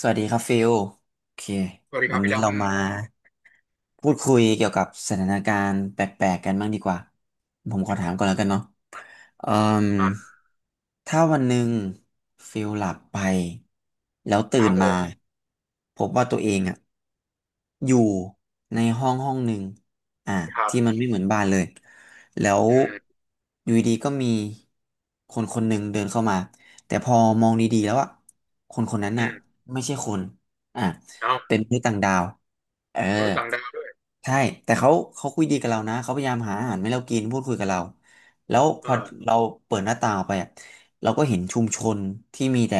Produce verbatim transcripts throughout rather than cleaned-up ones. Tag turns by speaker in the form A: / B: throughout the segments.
A: สวัสดีครับฟิลโอเค
B: สวัสดีค
A: วั
B: รั
A: น
B: บพี่
A: นี้
B: ด
A: เรามาพูดคุยเกี่ยวกับสถานการณ์แปลกๆกันบ้างดีกว่าผมขอถามก่อนแล้วกันเนาะเอ่ม
B: ำมา
A: ถ้าวันหนึ่งฟิลหลับไปแล้วตื่
B: ครั
A: น
B: บผ
A: มา
B: ม
A: พบว่าตัวเองอะอยู่ในห้องห้องหนึ่งอ่ะ
B: ครับ
A: ที่มันไม่เหมือนบ้านเลย แล้ว
B: อืม
A: อยู่ดีๆก็มีคนคนหนึ่งเดินเข้ามาแต่พอมองดีๆแล้วอะคนคนนั้น
B: อื
A: น่ะ
B: ม
A: ไม่ใช่คนอ่ะ
B: เอา
A: เป็นมนุษย์ต่างดาวเออ
B: มนุษย์ต่างดาวด้วย
A: ใช่แต่เขาเขาคุยดีกับเรานะเขาพยายามหาอาหารให้เรากินพูดคุยกับเราแล้วพ
B: เอ
A: อ
B: อ
A: เราเปิดหน้าต่างออกไปอะเราก็เห็นชุมชนที่มีแต่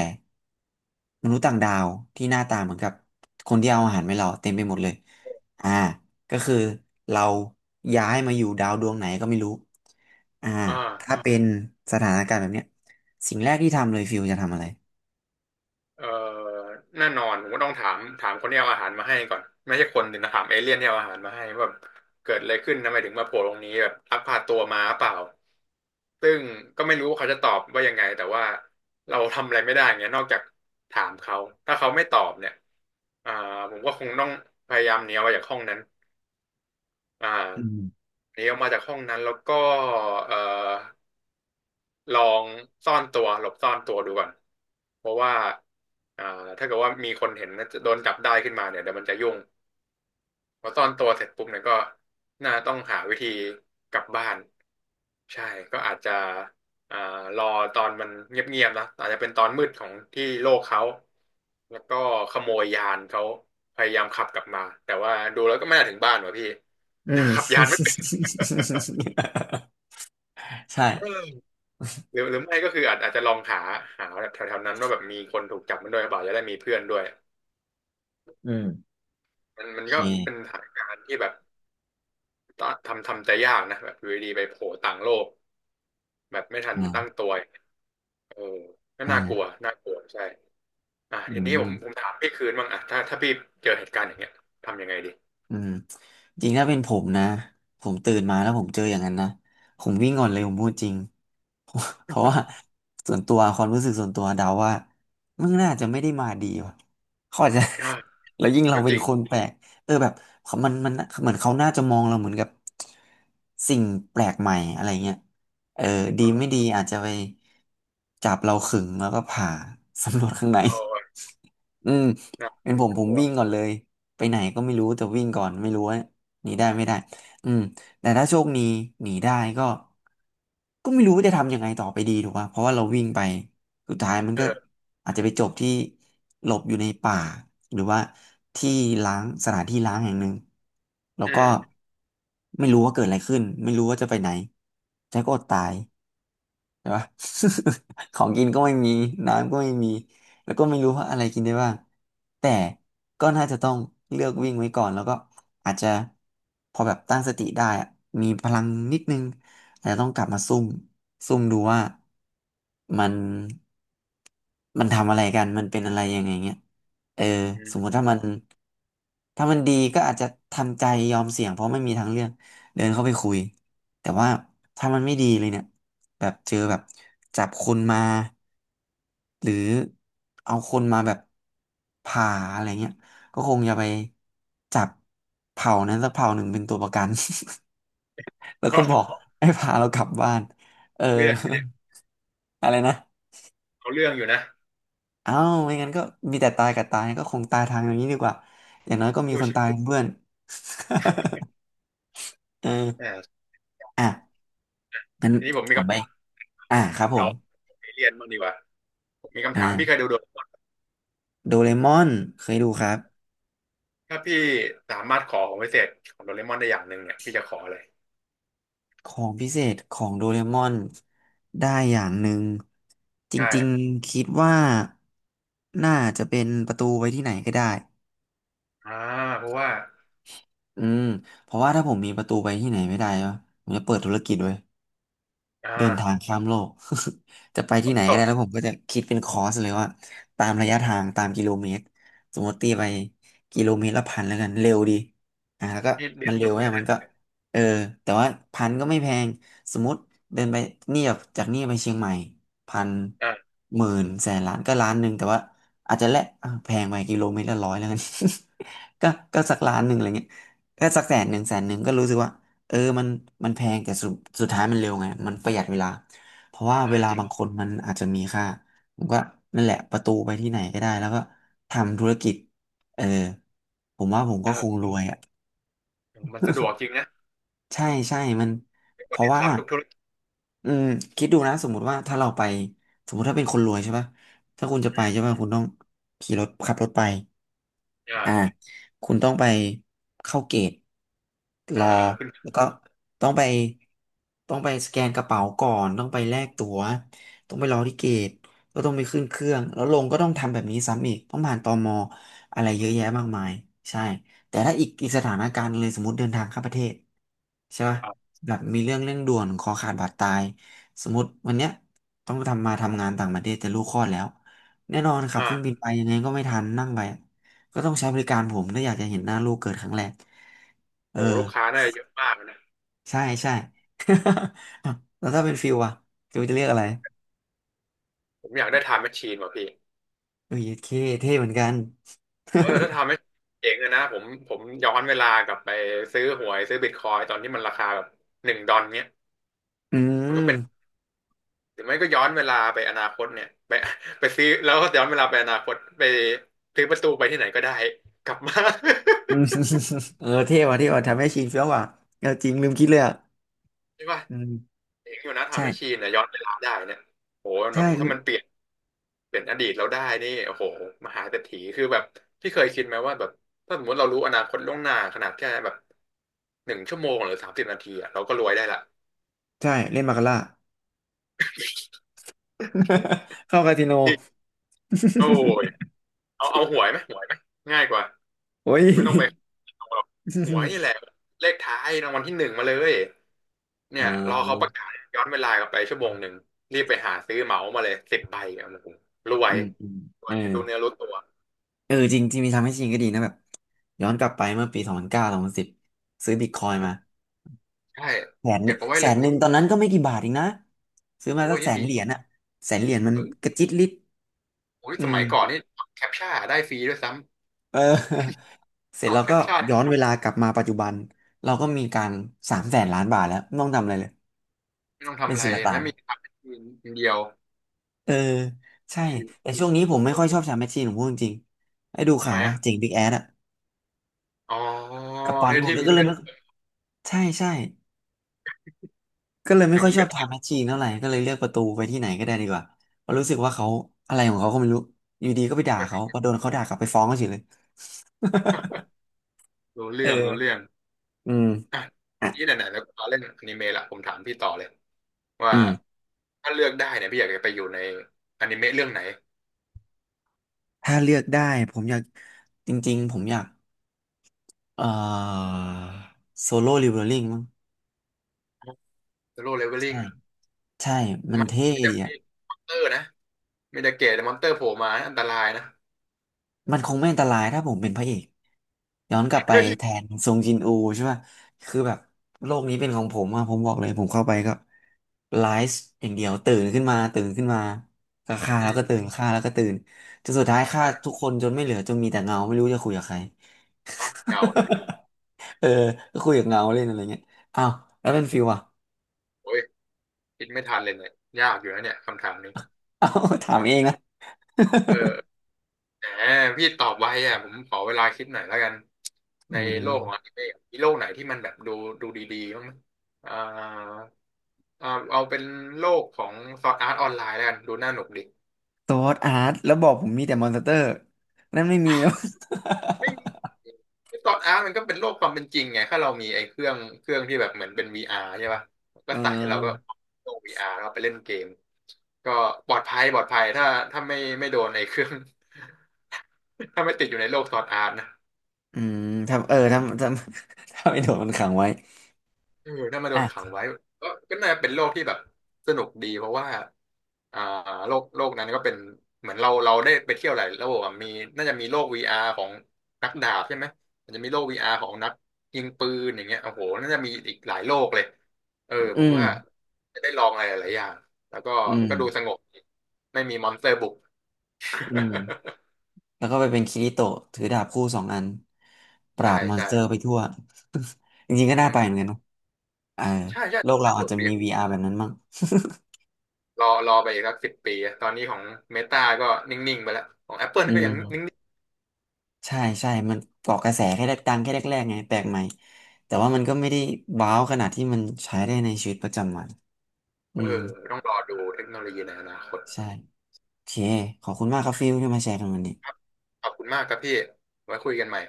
A: มนุษย์ต่างดาวที่หน้าตาเหมือนกับคนที่เอาอาหารมาให้เราเต็มไปหมดเลยอ่าก็คือเราย้ายมาอยู่ดาวดวงไหนก็ไม่รู้อ่า
B: อ่า
A: ถ้าเป็นสถานการณ์แบบเนี้ยสิ่งแรกที่ทำเลยฟิลจะทำอะไร
B: เออแน่นอน ผมก็ต้องถาม ถามคนที่เอาอาหารมาให้ก่อน ไม่ใช่คนถึงนะถามเอเลี่ยนที่เอาอาหารมาให้ว่าแบบเกิดอะไรขึ้นทำไมถึงมาโผล่ตรงนี้แบบลักพาตัวมาเปล่าซึ่งก็ไม่รู้ว่าเขาจะตอบว่ายังไง แต่ว่าเราทำอะไรไม่ได้เงี้ยนอกจากถามเขาถ้าเขาไม่ตอบเนี่ยอ่าผมก็คงต้องพยายามหนีออกมาจากห้องนั้นอ่า
A: อืม
B: หนีออกมาจากห้องนั้นแล้วก็เอ่อ ลองซ่อนตัวหลบซ่อนตัวดูก่อน เพราะว่าอ่าถ้าเกิดว่ามีคนเห็นแล้วจะโดนจับได้ขึ้นมาเนี่ยเดี๋ยวมันจะยุ่งพอซ่อนตัวเสร็จปุ๊บเนี่ยก็น่าต้องหาวิธีกลับบ้านใช่ก็อาจจะอ่ารอตอนมันเงียบๆนะอาจจะเป็นตอนมืดของที่โลกเขาแล้วก็ขโมยยานเขาพยายามขับกลับมาแต่ว่าดูแล้วก็ไม่น่าถึงบ้านว่ะพี่
A: อื ม
B: ขับยานไม่เป็น
A: ใช่
B: เออ หรือหรือไม่ก็คืออาจอาจจะลองหาหาแบบแถวๆนั้นว่าแบบมีคนถูกจับมันด้วยหรือเปล่าจะได้มีเพื่อนด้วย
A: อืม
B: มันมั
A: โอ
B: น
A: เ
B: ก็เป็น
A: ค
B: สถานการณ์ที่แบบต้องทำทำใจยากนะแบบอยู่ดีๆไปโผล่ต่างโลกแบบไม่ทัน
A: อ่า
B: ตั้งตัวเออก็น่ากลัว
A: อ่า
B: น่ากลัวใช่อ่ะ
A: อื
B: ทีนี้ผมผม
A: ม
B: ถามพี่คืนบ้างอ่ะถ้าถ้าพี่เจอเหตุการณ์อย่างเงี้ยทำยังไงดี
A: อืมจริงถ้าเป็นผมนะผมตื่นมาแล้วผมเจออย่างนั้นนะผมวิ่งก่อนเลยผมพูดจริง เพราะว่าส่วนตัวความรู้สึกส่วนตัวเดาว่ามึงน่าจะไม่ได้มาดีว่ะเขาอาจจะ
B: อ่ะ
A: แล้วยิ่งเรา
B: ก็
A: เป็
B: จ
A: น
B: ริง
A: คนแปลกเออแบบเขามันมันเหมือนเขาน่าจะมองเราเหมือนกับสิ่งแปลกใหม่อะไรเงี้ยเออดี
B: เอ
A: ไม่
B: อ
A: ดีอาจจะไปจับเราขึงแล้วก็ผ่า สำรวจข้างใน
B: โอ้ย
A: อืม
B: น่า
A: เป็นผมผ
B: ก
A: ม
B: ลัว
A: วิ่งก่อนเลยไปไหนก็ไม่รู้แต่วิ่งก่อนไม่รู้ว่าหนีได้ไม่ได้อืมแต่ถ้าโชคดีหนีได้ก็ก็ไม่รู้ว่าจะทำยังไงต่อไปดีถูกป่ะเพราะว่าเราวิ่งไปสุดท้ายมัน
B: เอ
A: ก็
B: อ
A: อาจจะไปจบที่หลบอยู่ในป่าหรือว่าที่ล้างสถานที่ล้างแห่งหนึ่งแล้ว
B: อื
A: ก็
B: ม
A: ไม่รู้ว่าเกิดอะไรขึ้นไม่รู้ว่าจะไปไหนแจ็คก็อดตาย ใช่ปะ ของกินก็ไม่มีน้ำก็ไม่มีแล้วก็ไม่รู้ว่าอะไรกินได้บ้างแต่ก็น่าจะต้องเลือกวิ่งไว้ก่อนแล้วก็อาจจะพอแบบตั้งสติได้อะมีพลังนิดนึงอาจจะต้องกลับมาซุ่มซุ่มดูว่ามันมันทำอะไรกันมันเป็นอะไรยังไงเงี้ยเออ
B: อื
A: สมมุติ
B: ม
A: ถ้ามัน ถ้ามันดีก็อาจจะทำใจยอมเสี่ยงเพราะไม่มีทางเลือกเดินเข้าไปคุยแต่ว่าถ้ามันไม่ดีเลยเนี่ยแบบเจอแบบจับคนมาหรือเอาคนมาแบบผ่าอะไรเงี้ยก็คงจะไปจับเผ่านั้นสักเผ่าหนึ่งเป็นตัวประกัน แล้วก็บอ ก
B: เ
A: ให้พาเรากลับบ้านเออ
B: อาเรื่องนี่เนี่ย
A: อะไรนะ
B: เอาเรื่องอยู่นะ
A: เอ้าไม่งั้นก็มีแต่ตายกับตายก็คงตายทางอย่างนี้ดีกว่าอย่างน้อยก็มี
B: ดู
A: คน
B: ชิ
A: ตายเป็นเพื่อน เออ
B: อ่า
A: อ่ะ งั้น
B: ทีนี้ผมมี
A: ผมไป
B: คำถาม
A: อ่าครับผ
B: เรา
A: ม
B: ไปเรียนบ้างดีกว่า มีคำถามพี่เคย
A: อ่า
B: ดูโดเรมอน
A: โดเรมอนเคยดูครับ
B: ถ้าพี่สามารถขอของพิเศษของโดเรมอนได้อย่างหนึ่งเนี่ยพี่จะขออะไร
A: ของพิเศษของโดเรมอนได้อย่างหนึ่งจ
B: ใช่
A: ริงๆ คิดว่า น่าจะเป็นประตูไปที่ไหนก็ได้
B: อ่าเพราะว่า
A: อืมเพราะว่าถ้าผมมีประตูไปที่ไหนไม่ได้วะผมจะเปิดธุรกิจไว้
B: อ่า
A: เดินทางข้ามโลก จะไป
B: ต
A: ที่ไหน
B: ก
A: ก็ได้แล้วผมก็จะคิดเป็นคอร์สเลยว่าตามระยะทางตามกิโลเมตรสมมติตีไปกิโลเมตรละพันแล้วกันเร็วดีอ่ะแล้วก็
B: ที่ดิ
A: มัน
B: สล
A: เร็
B: อ
A: ว
B: ฟเล
A: เนี่ย
B: ย
A: มัน
B: นะ
A: ก็เออแต่ว่าพันก็ไม่แพงสมมติเดินไปนี่แบบจากนี่ไปเชียงใหม่พัน
B: อ่า
A: หมื่นแสนล้านก็ล้านหนึ่งแต่ว่าอาจจะแลกอ่ะแพงไปกิโลเมตรละร้อยแล้วกัน ก็ก็สักล้านหนึ่งอะไรเงี้ยก็สักแสนห
B: อ
A: นึ่งแส
B: ม
A: นหนึ่งก็รู้สึกว่า เออมันมันแพงแต่สุดสุดท้ายมันเร็วไง มันประหยัดเวลา เพราะว่า
B: อ่า
A: เวลา
B: จริง
A: บางคนมันอาจจะมีค่า ผมก็นั่นแหละ ประตูไปที่ไหนก็ได้แล้วก็ทำธุรกิจเออผมว่าผม
B: เอ
A: ก็ค
B: อ
A: งรวยอ่ะ
B: มันสะดวกจริงนะ
A: ใช่ใช่มัน
B: ไม่
A: เพ
B: ต้อง
A: ราะ
B: ดิส
A: ว่า
B: ลอฟทุกธุรกิจ
A: อืมคิดดูนะ สมมุติว่าถ้าเราไป สมมุติถ้าเป็นคนรวยใช่ป่ะถ้าคุณจะ
B: อื
A: ไปใช่
B: ม
A: ป่ะคุณต้องขี่รถขับรถไป อ่า
B: อ่า
A: คุณต้องไปเข้าเกตร
B: อ่า
A: อ
B: อ่าขึ้น
A: แล้วก็ต้องไปต้องไปสแกนกระเป๋าก่อนต้องไปแลกตั๋วต้องไปรอที่เกตก็ต้องไปขึ้นเครื่องแล้วลงก็ต้องทำแบบนี้ซ้ำอีกต้องผ่านตมอะไรเยอะแยะมากมายใช่แต่ถ้าอีกอีกสถานการณ์หนึ่งเลยสมมติเดินทางข้ามประเทศใช่ปะ
B: อ่า
A: แบบมีเรื่องเร่งด่วนคอขาดบาดตายสมมติวันเนี้ยต้องทำมาทำงานต่างประเทศแต่ลูกคลอดแล้วแน่นอนขับเค
B: อ่า
A: รื่องบินไปยังไงก็ไม่ทันนั่งไป ก็ต้องใช้บริการผมถ้าอยากจะเห็นหน้าลูกเกิดครั้งแรกเออ
B: โอ้ลูกค้าน่าจะเยอะมากนะ
A: ใช่ใช่ อ้าวแล้วถ้าเป็นฟิวอะฟิวจะเรียกอะไร
B: ผมอยากได้ไทม์แมชชีนว่ะพี่
A: เออเคเท่เหมือนกัน
B: เออถ้าทำให้เจ๋งเลยนะผมผมย้อนเวลากลับไปซื้อหวยซื้อบิตคอยตอนที่มันราคาแบบหนึ่งดอลเนี้ย
A: อื
B: มัน
A: ม
B: ก็ เป็น หรือไม่ก็ย้อนเวลาไปอนาคตเนี่ยไปไปซื้อแล้วก็ย้อนเวลาไปอนาคตไปซื้อประตูไปที่ไหนก็ได้กลับมา
A: อืมเออเท่ว่ะเท่ว่ะทำให้ชินเฟี้ยวว่ะเออจริงลืมคิดเลยอ่ะ
B: ใช่ป่ะ
A: อืม
B: เองอยู่นะทม์แมชชี
A: ใช่
B: นเนี่ยย้อนเวลาได้เนี่ยโหมันแบ
A: ใช่
B: บถ้ามันเปลี่ยนเปลี่ยนอดีตเราได้นี่โอ้โหมหาเศรษฐีคือแบบพี่เคยคิดไหมว่าแบบถ้าสมมติเรารู้อนาคตล่วงหน้าขนาดแค่แบบหนึ่งชั่วโมงหรือสามสิบนาทีอะเราก็รวยได้ละ
A: ใช่เล่นมาคาร่า เข้าคาสิโน
B: พี่โอ้ย เอาเอาหวยไหมหวยไหมง่ายกว่า
A: โอ้ย
B: ไม่ต้องไปหรอกหวย นี่แหละเลขท้ายรางวัลที่หนึ่งมาเลยเนี่
A: อ่
B: ยรอเขาประ
A: า
B: กาศย้อนเวลากลับไปชั่วโมงหนึ่งรีบไปหาซื้อเหมามาเลยสิบใบเอามาผมรว
A: อื
B: ย
A: มอืม
B: ร
A: เอ
B: วย
A: อ
B: ไม่รู้เนื้อรู้ตัว
A: เออจริงที่มีทำให้จริงก็ดีนะแบบย้อนกลับไปเมื่อปีสองพันเก้าสองพันสิบซื้อบิตคอยน์มา
B: ใช่
A: แสน
B: เก็
A: นี่
B: บเอาไว้
A: แส
B: เลย
A: นหนึ่งตอนนั้นก็ไม่กี่บาทเองนะซื้อมา
B: โอ้
A: สั
B: ย
A: กแส
B: นี่
A: น
B: ดี
A: เหรี
B: ค
A: ย
B: รั
A: ญ
B: บ
A: อะแสนเหรียญมัน
B: เอ
A: ก
B: อ
A: ระจิตริด
B: โอ้ย
A: อื
B: ส
A: ม
B: มัยก่อนนี่แคปชั่นได้ฟรีด้วยซ้
A: เออ เส
B: ำ
A: ร็
B: จ
A: จ
B: อ
A: เรา
B: ดแค
A: ก็
B: ปชั่น
A: ย้อนเวลากลับมาปัจจุบันเราก็มีการสามแสนล้านบาทแล้วไม่ต้องทำอะไรเลย
B: ไม่ต้อง
A: เป็
B: ทำ
A: น
B: อะไร
A: สุลต่า
B: ไม่
A: น
B: มีทำเป็นทีมเดียว
A: เออใช่
B: ที่
A: แต่
B: ที่
A: ช่วงนี้ผม
B: ที่
A: ไม่
B: สุด
A: ค่อยชอบชาแมชชีนผมพูดจริงๆให้ดู
B: ๆทำไห
A: ข่า
B: ม
A: วว่า
B: อ่ะ
A: เจ๋งบิ๊กแอดอะ
B: อ๋อ
A: กับปอน
B: ให้
A: ที่ผ
B: ที่
A: มแล้ว
B: มี
A: ก็เลย
B: เรื่อง
A: ไม่ใช่ใช่ ก็เลย
B: อ
A: ไม่
B: ย่าง
A: ค่อย
B: นี้
A: ชอ
B: ก็
A: บ
B: ได้
A: ทำแมชชีนเท่าไหร่ก็เลยเลือกประตูไปที่ไหนก็ได้ดีกว่าเพราะรู้สึกว่าเขาอะไรของเขาก็ไม่รู้อยู่ดีก็ไปด่าเขาพอโดนเขาด่ากลับไปฟ้องเขาเฉยเลย
B: รู้
A: เ
B: เรื่องรู้เรื่
A: ออ
B: อง
A: อืม
B: อ่ะ
A: อ่ะ
B: พี่ไหนๆแล้วก็เล่นอนิเมะละผมถามพี่ต่อเลยว่า
A: อืม
B: ถ้าเลือกได้เนี่ยพี่อยากจะไปอยู่ในอนิเมะเรื่องไหน
A: ถ้าเลือกได้ผมอยากจริงๆผมอยากเอ่อโซโล่ l ิเวอริ่งมั้ง
B: Solo
A: ใช่
B: Leveling
A: ใช่มัน
B: มัน
A: เท่
B: ไม่ได้
A: ดีอะ
B: มีมอนเตอร์นะมีแต่เกรดมอนเตอร์โผล่มานะอันตรายนะ
A: มันคงไม่อันตรายถ้าผมเป็นพระเอกย้อนกลับไป
B: เฮ้ย
A: แทนซงจินอูใช่ป่ะคือแบบโลกนี้เป็นของผมอะผมบอกเลยผมเข้าไปก็ไลฟ์อย่างเดียวตื่นขึ้นมาตื่นขึ้นมาก็ฆ่าแล้ว
B: อื
A: ก็ตื่น
B: ม
A: ฆ่าแล้วก็ตื่นจนสุดท้ายฆ่า
B: อ่ะ
A: ทุกคนจนไม่เหลือจนมีแต่เงาไม่รู้จะคุยกับใคร
B: ก็เหงาเลยดู
A: เออก็คุยกับเงาเล่นอะไรเงี้ยอ้าวแล้วเป็นฟิวอะ
B: โอ้ยคิดไม่ทันเลยเนี่ยยากอยู่นะเนี่ยคำถามนี้
A: อ้าว
B: ผม
A: ถาม
B: ว่า
A: เองนะ
B: เออแหมพี่ตอบไวอ่ะผมขอเวลาคิดหน่อยแล้วกัน
A: อื
B: ในโล
A: ม
B: กของอนิเมะมีโลกไหนที่มันแบบดูดูดีๆบ้างไหมอ่า เอาเอาเป็นโลกของซอร์ดอาร์ตออนไลน์แล้วกันดูน่าหนุกดิ
A: ซอสอาร์ตแล้วบอกผมมีแต่มอนสเตอร์นั่นไม่มีแล้ว
B: ไม่มีซอร์สอาร์ตมันก็เป็นโลกความเป็นจริงไงถ้าเรามีไอ้เครื่องเครื่องที่แบบเหมือนเป็น วี อาร์ ใช่ป่ะ ก็
A: เออ
B: ใส่เราก็โลก วี อาร์ แล้วก็ไปเล่นเกมก็ปลอดภัยปลอดภัยถ้าถ้าไม่ไม่โดนไอ้เครื่อง ถ้าไม่ติดอยู่ในโลกซอร์ดอาร์ตนะ
A: อืมทำเออทำทำ ทำไอ้โดดมันขังไว้
B: เออถ้ามาโดนขั
A: อ่ะ
B: งไว้ก็ก็น่าจะเป็นโลกที่แบบสนุกดีเพราะว่าอ่าโลกโลกนั้นก็เป็นเหมือนเราเราได้ไปเที่ยวหลายโลกอะมีน่าจะมีโลก วี อาร์ ของนักดาบใช่ไหมมันจะมีโลก วี อาร์ ของนักยิงปืนอย่างเงี้ยโอ้โหน่าจะมีอีกหลายโลกเลยเออ
A: อื
B: ผม
A: ม
B: ว่าจะได้ลองอะไรหลายอย่างแล้วก็
A: อืม
B: ก็ดูสงบดีไม่มีมอนสเตอร์บุก
A: อืม แล้วก็ไปเป็นคิริโตะถือดาบคู่สองอันป รา
B: ใช่
A: บมอนสเตอร์ไป
B: ใช่
A: ทั่ว จริงๆก็
B: อื
A: น่าไปเหมือ
B: ม
A: นกันเนอะเออ
B: ใช่ใช่
A: โลก
B: ส
A: เราอาจ
B: นุก
A: จะ
B: ดี
A: มี วี อาร์ แบบนั้นมั้ง
B: รอรอไปอีกสักสิบปีอะตอนนี้ของเมตาก็นิ่งๆไปแล้วของ Apple
A: อื
B: นี่ก็
A: ม
B: ยังนิ่ง
A: ใช่ใช่ มันเกาะกระแสแค่ดังแค่แรกๆไงแปลกใหม่แต่ว่ามันก็ไม่ได้ว้าวขนาดที่มันใช้ได้ในชีวิตประจำวัน
B: ๆ
A: อื
B: เอ
A: ม
B: อต้องรอดูเทคโนโลยีในอนาคต
A: ใช่โอเคขอบคุณมากครับฟิลที่มาแชร์กันวันนี้
B: ครับขอบคุณมากครับพี่ไว้คุยกันใหม่